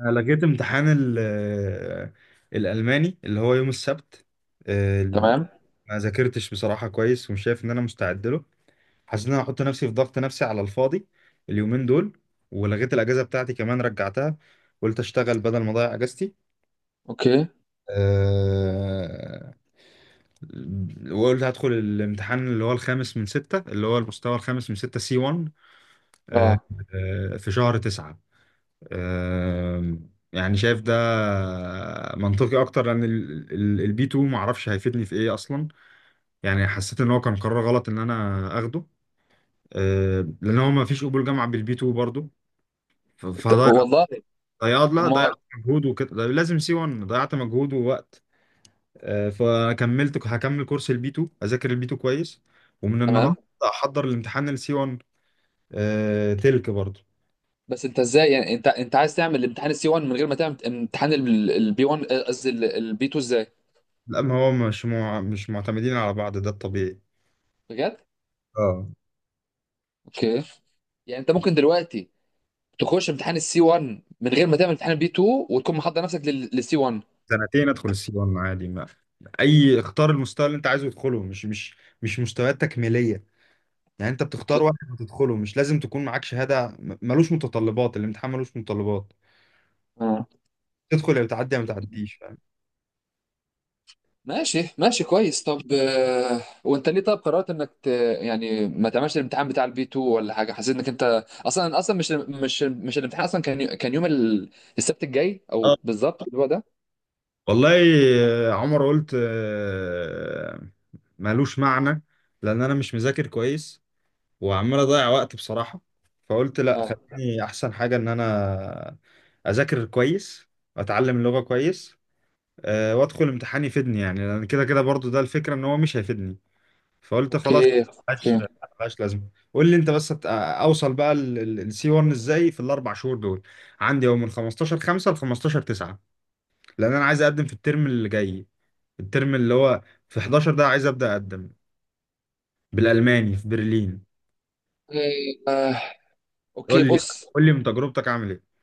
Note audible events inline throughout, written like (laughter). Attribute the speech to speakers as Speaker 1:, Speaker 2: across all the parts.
Speaker 1: أنا لقيت امتحان الألماني اللي هو يوم السبت. آه،
Speaker 2: تمام.
Speaker 1: ما ذاكرتش بصراحة كويس، ومش شايف إن أنا مستعد له. حسيت إن أنا هحط نفسي في ضغط نفسي على الفاضي اليومين دول. ولغيت الأجازة بتاعتي كمان رجعتها. قلت أشتغل بدل ما أضيع أجازتي.
Speaker 2: اوكي.
Speaker 1: آه، وقلت هدخل الامتحان اللي هو الخامس من ستة، اللي هو المستوى الخامس من ستة، سي 1،
Speaker 2: اه
Speaker 1: في شهر تسعة. يعني شايف ده منطقي اكتر، لان البي 2 ما اعرفش هيفيدني في ايه اصلا. يعني حسيت ان هو كان قرار غلط ان انا اخده. لان هو ما فيش قبول جامعه بالبي 2 برضو. فضيع،
Speaker 2: والله.
Speaker 1: ضيعت، لا، ضيعت
Speaker 2: امال؟
Speaker 1: مجهود وكده، ده لازم سي 1، ضيعت مجهود ووقت. فكملت، هكمل كورس البي 2، اذاكر البي 2 كويس. ومن النهارده
Speaker 2: تمام.
Speaker 1: احضر الامتحان السي 1 تلك برضو.
Speaker 2: بس انت ازاي، يعني انت عايز تعمل الامتحان السي 1 من غير ما تعمل امتحان البي 1، قصدي البي 2، ازاي؟
Speaker 1: لا، ما هو مش معتمدين على بعض، ده الطبيعي.
Speaker 2: بجد؟
Speaker 1: اه،
Speaker 2: اوكي. يعني انت ممكن دلوقتي تخش امتحان السي 1 من غير ما تعمل امتحان البي 2 وتكون محضر نفسك للسي 1؟
Speaker 1: سنتين ادخل السي 1 عادي، ما اي، اختار المستوى اللي انت عايزه تدخله، مش مستويات تكميليه. يعني انت
Speaker 2: اوكي.
Speaker 1: بتختار واحد هتدخله، مش لازم تكون معاك شهاده، ملوش متطلبات، الامتحان ملوش متطلبات.
Speaker 2: اه.
Speaker 1: تدخل يا بتعدي، يا ما تعديش، فاهم.
Speaker 2: ماشي ماشي، كويس. طب وانت ليه، طب، قررت يعني ما تعملش الامتحان بتاع البي 2 ولا حاجه؟ حسيت انك انت اصلا اصلا مش الامتحان؟ اصلا كان كان يوم السبت الجاي،
Speaker 1: اه،
Speaker 2: او بالظبط اللي هو ده.
Speaker 1: والله. عمر، قلت ملوش معنى، لان انا مش مذاكر كويس وعمال اضيع وقت بصراحه. فقلت لا،
Speaker 2: اه.
Speaker 1: خليني احسن حاجه ان انا اذاكر كويس، واتعلم اللغه كويس. وادخل امتحان يفيدني. يعني لان كده كده برضو ده الفكره، ان هو مش هيفيدني. فقلت خلاص،
Speaker 2: اوكي
Speaker 1: ملهاش
Speaker 2: اوكي.
Speaker 1: ملهاش لازمه. قول لي انت بس، اوصل بقى السي 1 ازاي في الاربع شهور دول. عندي يوم من 15 5 ل 15 9، لان انا عايز اقدم في الترم اللي جاي، الترم اللي هو في 11، ده عايز ابدا اقدم بالالماني في برلين.
Speaker 2: آه،
Speaker 1: قول
Speaker 2: اوكي.
Speaker 1: لي،
Speaker 2: بص،
Speaker 1: قول لي من تجربتك عامل ايه.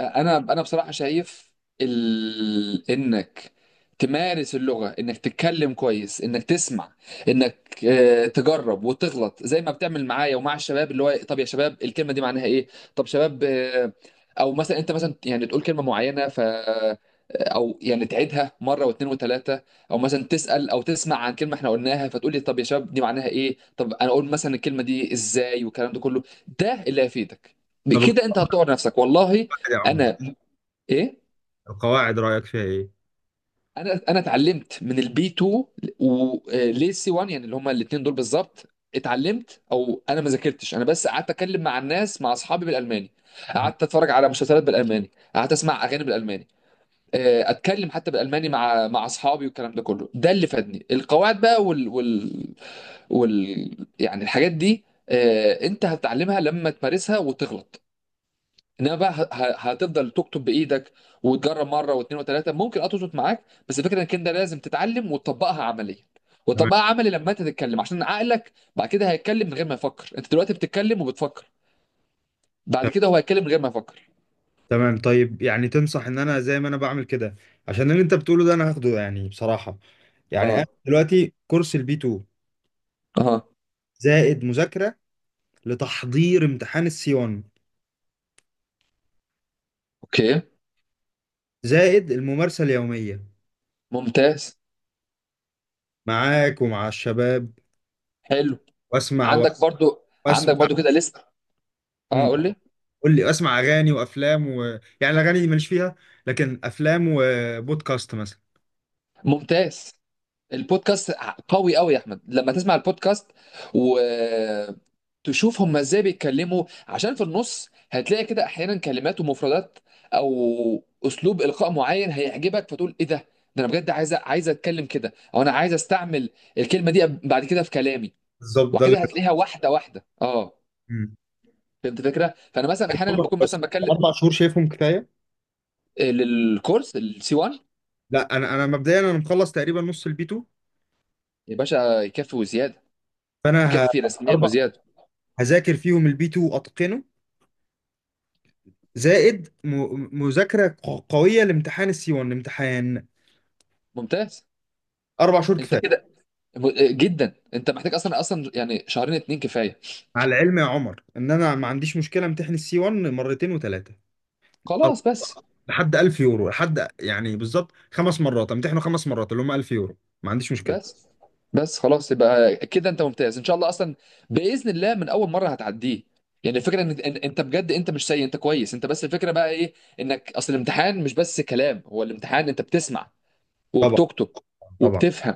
Speaker 2: انا بصراحه شايف انك تمارس اللغه، انك تتكلم كويس، انك تسمع، انك تجرب وتغلط زي ما بتعمل معايا ومع الشباب، اللي هو طب يا شباب، الكلمه دي معناها ايه؟ طب شباب، او مثلا انت مثلا يعني تقول كلمه معينه ف آه، او يعني تعيدها مره واثنين وثلاثه، او مثلا تسال او تسمع عن كلمه احنا قلناها، فتقول لي طب يا شباب، دي معناها ايه؟ طب انا اقول مثلا الكلمه دي ازاي؟ والكلام ده كله، ده اللي هيفيدك.
Speaker 1: طب
Speaker 2: بكده انت هتطور نفسك، والله.
Speaker 1: القواعد يا عمر،
Speaker 2: انا ايه؟
Speaker 1: القواعد رايك فيها ايه؟
Speaker 2: انا اتعلمت من البي 2 وليه سي 1، يعني اللي هما الاثنين دول بالظبط. اتعلمت، او انا ما ذاكرتش، انا بس قعدت اتكلم مع الناس، مع اصحابي، بالالماني.
Speaker 1: آه،
Speaker 2: قعدت اتفرج على مسلسلات بالالماني، قعدت اسمع اغاني بالالماني، اتكلم حتى بالالماني مع اصحابي، والكلام ده كله، ده اللي فادني. القواعد بقى، وال يعني الحاجات دي، انت هتتعلمها لما تمارسها وتغلط. انما بقى هتفضل تكتب بايدك وتجرب مره واثنين وثلاثه، ممكن تظبط معاك، بس الفكره انك انت لازم تتعلم وتطبقها عمليا،
Speaker 1: تمام،
Speaker 2: وتطبقها عملي لما انت تتكلم، عشان عقلك بعد كده هيتكلم من غير ما يفكر. انت دلوقتي بتتكلم وبتفكر، بعد كده هو هيتكلم من غير ما يفكر.
Speaker 1: تمام. طيب، يعني تنصح ان انا زي ما انا بعمل كده، عشان اللي انت بتقوله ده انا هاخده يعني بصراحة. يعني انا
Speaker 2: اه.
Speaker 1: دلوقتي كورس البي 2،
Speaker 2: اه.
Speaker 1: زائد مذاكرة لتحضير امتحان السي 1،
Speaker 2: اوكي.
Speaker 1: زائد الممارسة اليومية
Speaker 2: ممتاز.
Speaker 1: معاك ومع الشباب،
Speaker 2: حلو.
Speaker 1: واسمع و-
Speaker 2: عندك برضو عندك
Speaker 1: واسمع.
Speaker 2: برضو كده لسه. اه،
Speaker 1: مم.
Speaker 2: قول لي.
Speaker 1: قول لي، اسمع اغاني وافلام و... يعني الاغاني دي ماليش فيها، لكن افلام وبودكاست مثلا.
Speaker 2: ممتاز. البودكاست قوي قوي يا احمد، لما تسمع البودكاست و تشوف هم ازاي بيتكلموا، عشان في النص هتلاقي كده احيانا كلمات ومفردات، او اسلوب القاء معين هيعجبك، فتقول ايه ده؟ ده انا بجد عايز، اتكلم كده، او انا عايز استعمل الكلمه دي بعد كده في كلامي.
Speaker 1: بالظبط ده اللي.
Speaker 2: وكده هتلاقيها بالظبط، واحده واحده. اه
Speaker 1: مم.
Speaker 2: فهمت الفكره. فانا مثلا احيانا بكون مثلا بتكلم،
Speaker 1: اربع شهور شايفهم كفايه.
Speaker 2: للكورس السي 1.
Speaker 1: لا، انا مبدئيا انا مخلص تقريبا نص البي 2.
Speaker 2: يا باشا، يكفي وزياده،
Speaker 1: فانا ه...
Speaker 2: يكفي رسمين
Speaker 1: اربع،
Speaker 2: وزياده.
Speaker 1: هذاكر فيهم البي 2 واتقنه، زائد مذاكره قويه لامتحان السي 1، امتحان.
Speaker 2: ممتاز.
Speaker 1: 4 شهور
Speaker 2: انت
Speaker 1: كفايه.
Speaker 2: كده جدا، انت محتاج اصلا اصلا، يعني شهرين اتنين كفايه.
Speaker 1: مع العلم يا عمر ان انا ما عنديش مشكله امتحن السي 1 مرتين وثلاثه،
Speaker 2: خلاص.
Speaker 1: لحد 1000 يورو، لحد يعني بالظبط 5 مرات، امتحنه 5 مرات اللي هم 1000 يورو، ما عنديش مشكله.
Speaker 2: بس بس خلاص، يبقى كده انت ممتاز ان شاء الله، اصلا باذن الله من اول مره هتعديه. يعني الفكره ان انت بجد انت مش سيء، انت كويس، انت بس الفكره بقى ايه؟ انك اصل الامتحان مش بس كلام، هو الامتحان انت بتسمع
Speaker 1: طبعا،
Speaker 2: وبتقطق
Speaker 1: طبعا،
Speaker 2: وبتفهم.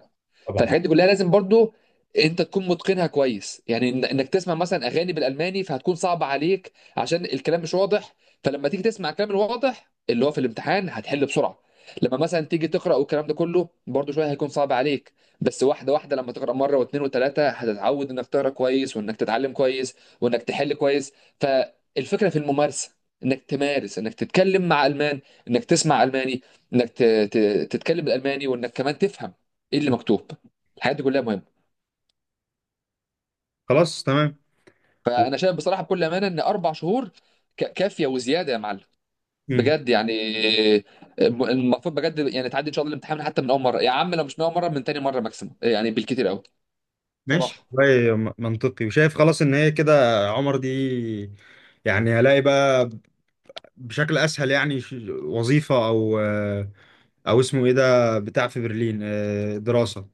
Speaker 1: طبعا.
Speaker 2: فالحاجات دي كلها لازم برضو انت تكون متقنها كويس، يعني انك تسمع مثلا اغاني بالالماني فهتكون صعبه عليك، عشان الكلام مش واضح. فلما تيجي تسمع الكلام الواضح اللي هو في الامتحان هتحل بسرعه. لما مثلا تيجي تقرا والكلام ده كله برضو شويه هيكون صعب عليك، بس واحده واحده، لما تقرا مره واثنين وثلاثه هتتعود انك تقرا كويس، وانك تتعلم كويس، وانك تحل كويس. فالفكره في الممارسه، انك تمارس، انك تتكلم مع المان، انك تسمع الماني، انك تتكلم الالماني، وانك كمان تفهم ايه اللي مكتوب. الحاجات دي كلها مهمه.
Speaker 1: خلاص تمام، و...
Speaker 2: فانا شايف بصراحه بكل امانه ان 4 شهور كافيه وزياده يا معلم.
Speaker 1: مم.
Speaker 2: بجد يعني المفروض بجد يعني تعدي ان شاء الله الامتحان حتى من اول مره يا عم، لو مش من اول مره، من تاني مره ماكسيموم، يعني بالكتير قوي.
Speaker 1: ماشي
Speaker 2: صراحه.
Speaker 1: والله، منطقي، وشايف خلاص ان هي كده يا عمر دي. يعني هلاقي بقى بشكل اسهل، يعني وظيفه، او اسمه ايه ده، بتاع في برلين، دراسه.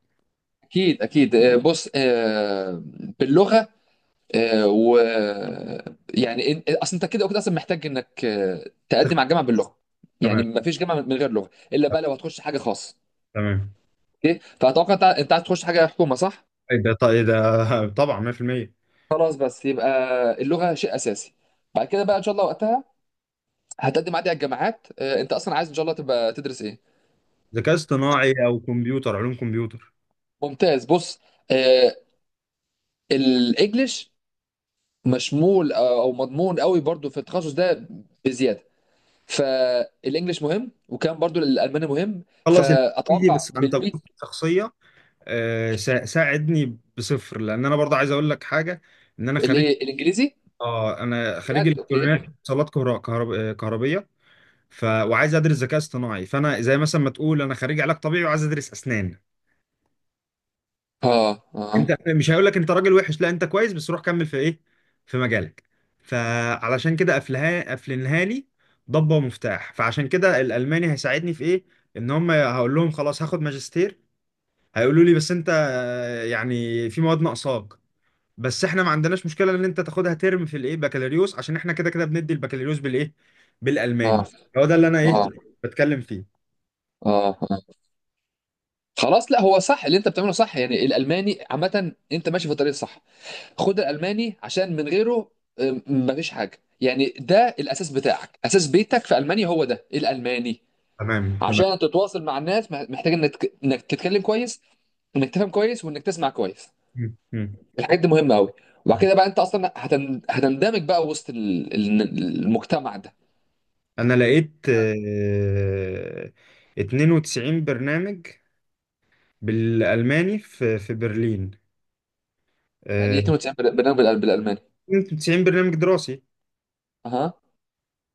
Speaker 2: اكيد اكيد. بص، باللغه، و يعني اصل انت كده وكده اصلا محتاج انك تقدم على الجامعه باللغه، يعني
Speaker 1: تمام،
Speaker 2: ما فيش جامعه من غير لغه، الا بقى لو هتخش حاجه خاصه.
Speaker 1: تمام.
Speaker 2: اوكي، فاتوقع انت عايز تخش حاجه حكومه، صح؟
Speaker 1: ايه ده؟ طيب إيه ده؟ (laughs) طبعا 100%.
Speaker 2: خلاص، بس يبقى اللغه شيء اساسي. بعد كده بقى ان شاء الله وقتها هتقدم عادي على الجامعات، انت اصلا عايز ان شاء الله تبقى تدرس ايه؟
Speaker 1: ذكاء اصطناعي او كمبيوتر، علوم كمبيور.
Speaker 2: ممتاز. بص، آه، الانجليش مشمول، او مضمون قوي برضو في التخصص ده، بزياده. فالانجليش مهم، وكان برضو الالماني مهم،
Speaker 1: خلص الانجليزي
Speaker 2: فاتوقع
Speaker 1: بس عن تجربه
Speaker 2: بالبيت.
Speaker 1: شخصيه. ساعدني بصفر، لان انا برضه عايز اقول لك حاجه، ان انا خريج.
Speaker 2: الايه، الانجليزي؟
Speaker 1: اه، انا خريج
Speaker 2: بجد؟
Speaker 1: الكترونيات
Speaker 2: اوكي.
Speaker 1: اتصالات كهرباء كهربيه. وعايز ادرس ذكاء اصطناعي. فانا زي مثلا ما تقول انا خريج علاج طبيعي وعايز ادرس اسنان.
Speaker 2: اه. اه.
Speaker 1: انت مش هقول لك انت راجل وحش، لا انت كويس، بس روح كمل في ايه، في مجالك. فعلشان كده قفلنها لي ضبة ومفتاح. فعشان كده الالماني هيساعدني في ايه؟ ان هم هقول لهم خلاص هاخد ماجستير، هيقولوا لي بس انت يعني في مواد ناقصاك، بس احنا ما عندناش مشكله ان انت تاخدها ترم في الايه بكالوريوس، عشان احنا كده كده بندي البكالوريوس بالايه،
Speaker 2: اه.
Speaker 1: بالالماني. هو ده اللي انا ايه
Speaker 2: اه.
Speaker 1: بتكلم فيه.
Speaker 2: اه. آه. خلاص، لا، هو صح اللي انت بتعمله، صح، يعني الالماني عامه انت ماشي في الطريق الصح. خد الالماني، عشان من غيره مفيش حاجه، يعني ده الاساس بتاعك، اساس بيتك في المانيا هو ده الالماني.
Speaker 1: تمام، تمام.
Speaker 2: عشان تتواصل مع الناس محتاج انك انك تتكلم كويس، وانك تفهم كويس، وانك تسمع كويس.
Speaker 1: مم. مم.
Speaker 2: الحاجات دي مهمه قوي. وبعد كده بقى انت اصلا هتندمج بقى وسط المجتمع ده.
Speaker 1: انا لقيت 92 برنامج بالالماني في في برلين.
Speaker 2: يعني ايه
Speaker 1: آه،
Speaker 2: 92 برنامج بالالماني؟
Speaker 1: 92 برنامج دراسي
Speaker 2: اها.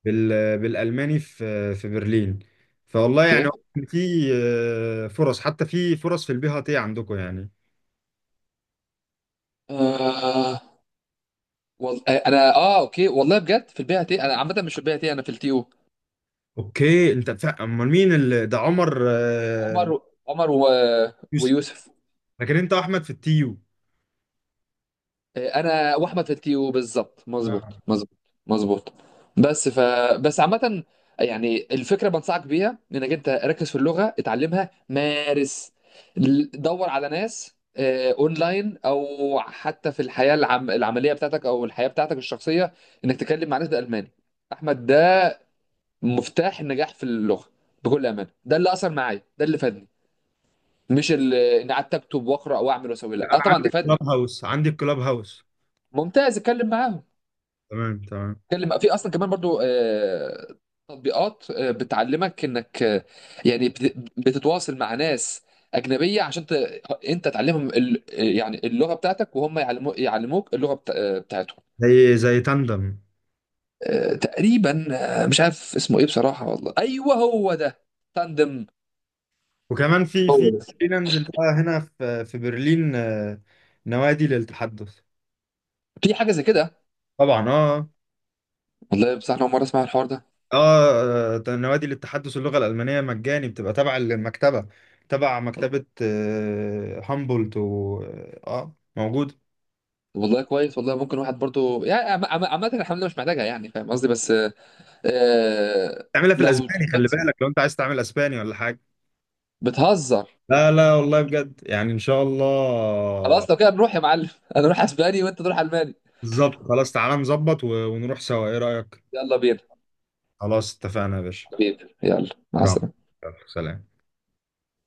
Speaker 1: بالالماني في في برلين. فوالله يعني،
Speaker 2: اوكي.
Speaker 1: في فرص، حتى في فرص في البي تي عندكم يعني.
Speaker 2: آه. والله انا اوكي. والله بجد في البي تي، انا عامه مش في البي تي، انا في التي او.
Speaker 1: اوكي، انت امال مين اللي ده، عمر
Speaker 2: عمر. عمر و...
Speaker 1: يوسف.
Speaker 2: ويوسف.
Speaker 1: لكن انت احمد في التيو.
Speaker 2: انا واحمد في التي او، بالظبط،
Speaker 1: آه.
Speaker 2: مظبوط مظبوط مظبوط. بس ف بس عامه، يعني الفكره بنصحك بيها انك انت ركز في اللغه، اتعلمها، مارس، دور على ناس اونلاين، او حتى في الحياه العمليه بتاعتك او الحياه بتاعتك الشخصيه، انك تتكلم مع ناس بالالماني. احمد، مفتاح النجاح في اللغه بكل امانه، ده اللي اثر معايا، ده اللي فادني، مش اللي اني قعدت اكتب واقرا واعمل واسوي، لا،
Speaker 1: انا عندي
Speaker 2: طبعا ده فادني.
Speaker 1: كلاب هاوس، عندي كلاب هاوس.
Speaker 2: ممتاز، اتكلم معاهم،
Speaker 1: تمام، تمام.
Speaker 2: اتكلم، في اصلا كمان برضو تطبيقات بتعلمك انك، يعني بتتواصل مع ناس اجنبيه عشان انت تعلمهم ال... آه، يعني اللغه بتاعتك، وهم يعلموك اللغه بتاعتهم.
Speaker 1: زي تاندم.
Speaker 2: تقريبا. مش عارف اسمه ايه بصراحه، والله، ايوه، هو ده، تاندم.
Speaker 1: وكمان في
Speaker 2: هو
Speaker 1: في
Speaker 2: ده.
Speaker 1: خلينا ننزل بقى هنا في في برلين، نوادي للتحدث.
Speaker 2: في حاجه زي كده؟
Speaker 1: طبعا، اه.
Speaker 2: والله بصراحة أنا أول مرة أسمع الحوار ده.
Speaker 1: اه، نوادي للتحدث اللغة الألمانية مجاني، بتبقى تبع المكتبة، تبع مكتبة هامبولت، و موجود.
Speaker 2: والله كويس. والله ممكن واحد برضو، يعني عامة الحملة مش محتاجها، يعني فاهم قصدي؟ بس آه...
Speaker 1: تعملها في
Speaker 2: لو
Speaker 1: الأسباني، خلي بالك لو أنت عايز تعمل أسباني ولا حاجة.
Speaker 2: بتهزر،
Speaker 1: لا لا، والله بجد يعني إن شاء الله.
Speaker 2: خلاص لو كده نروح يا معلم (laughs) أنا أروح أسباني وأنت تروح ألماني.
Speaker 1: بالظبط، خلاص تعالى نظبط ونروح سوا، إيه رأيك؟
Speaker 2: يلا بينا.
Speaker 1: خلاص، اتفقنا يا باشا.
Speaker 2: حبيبي، يلا، مع
Speaker 1: نعم.
Speaker 2: السلامة.
Speaker 1: يلا، سلام.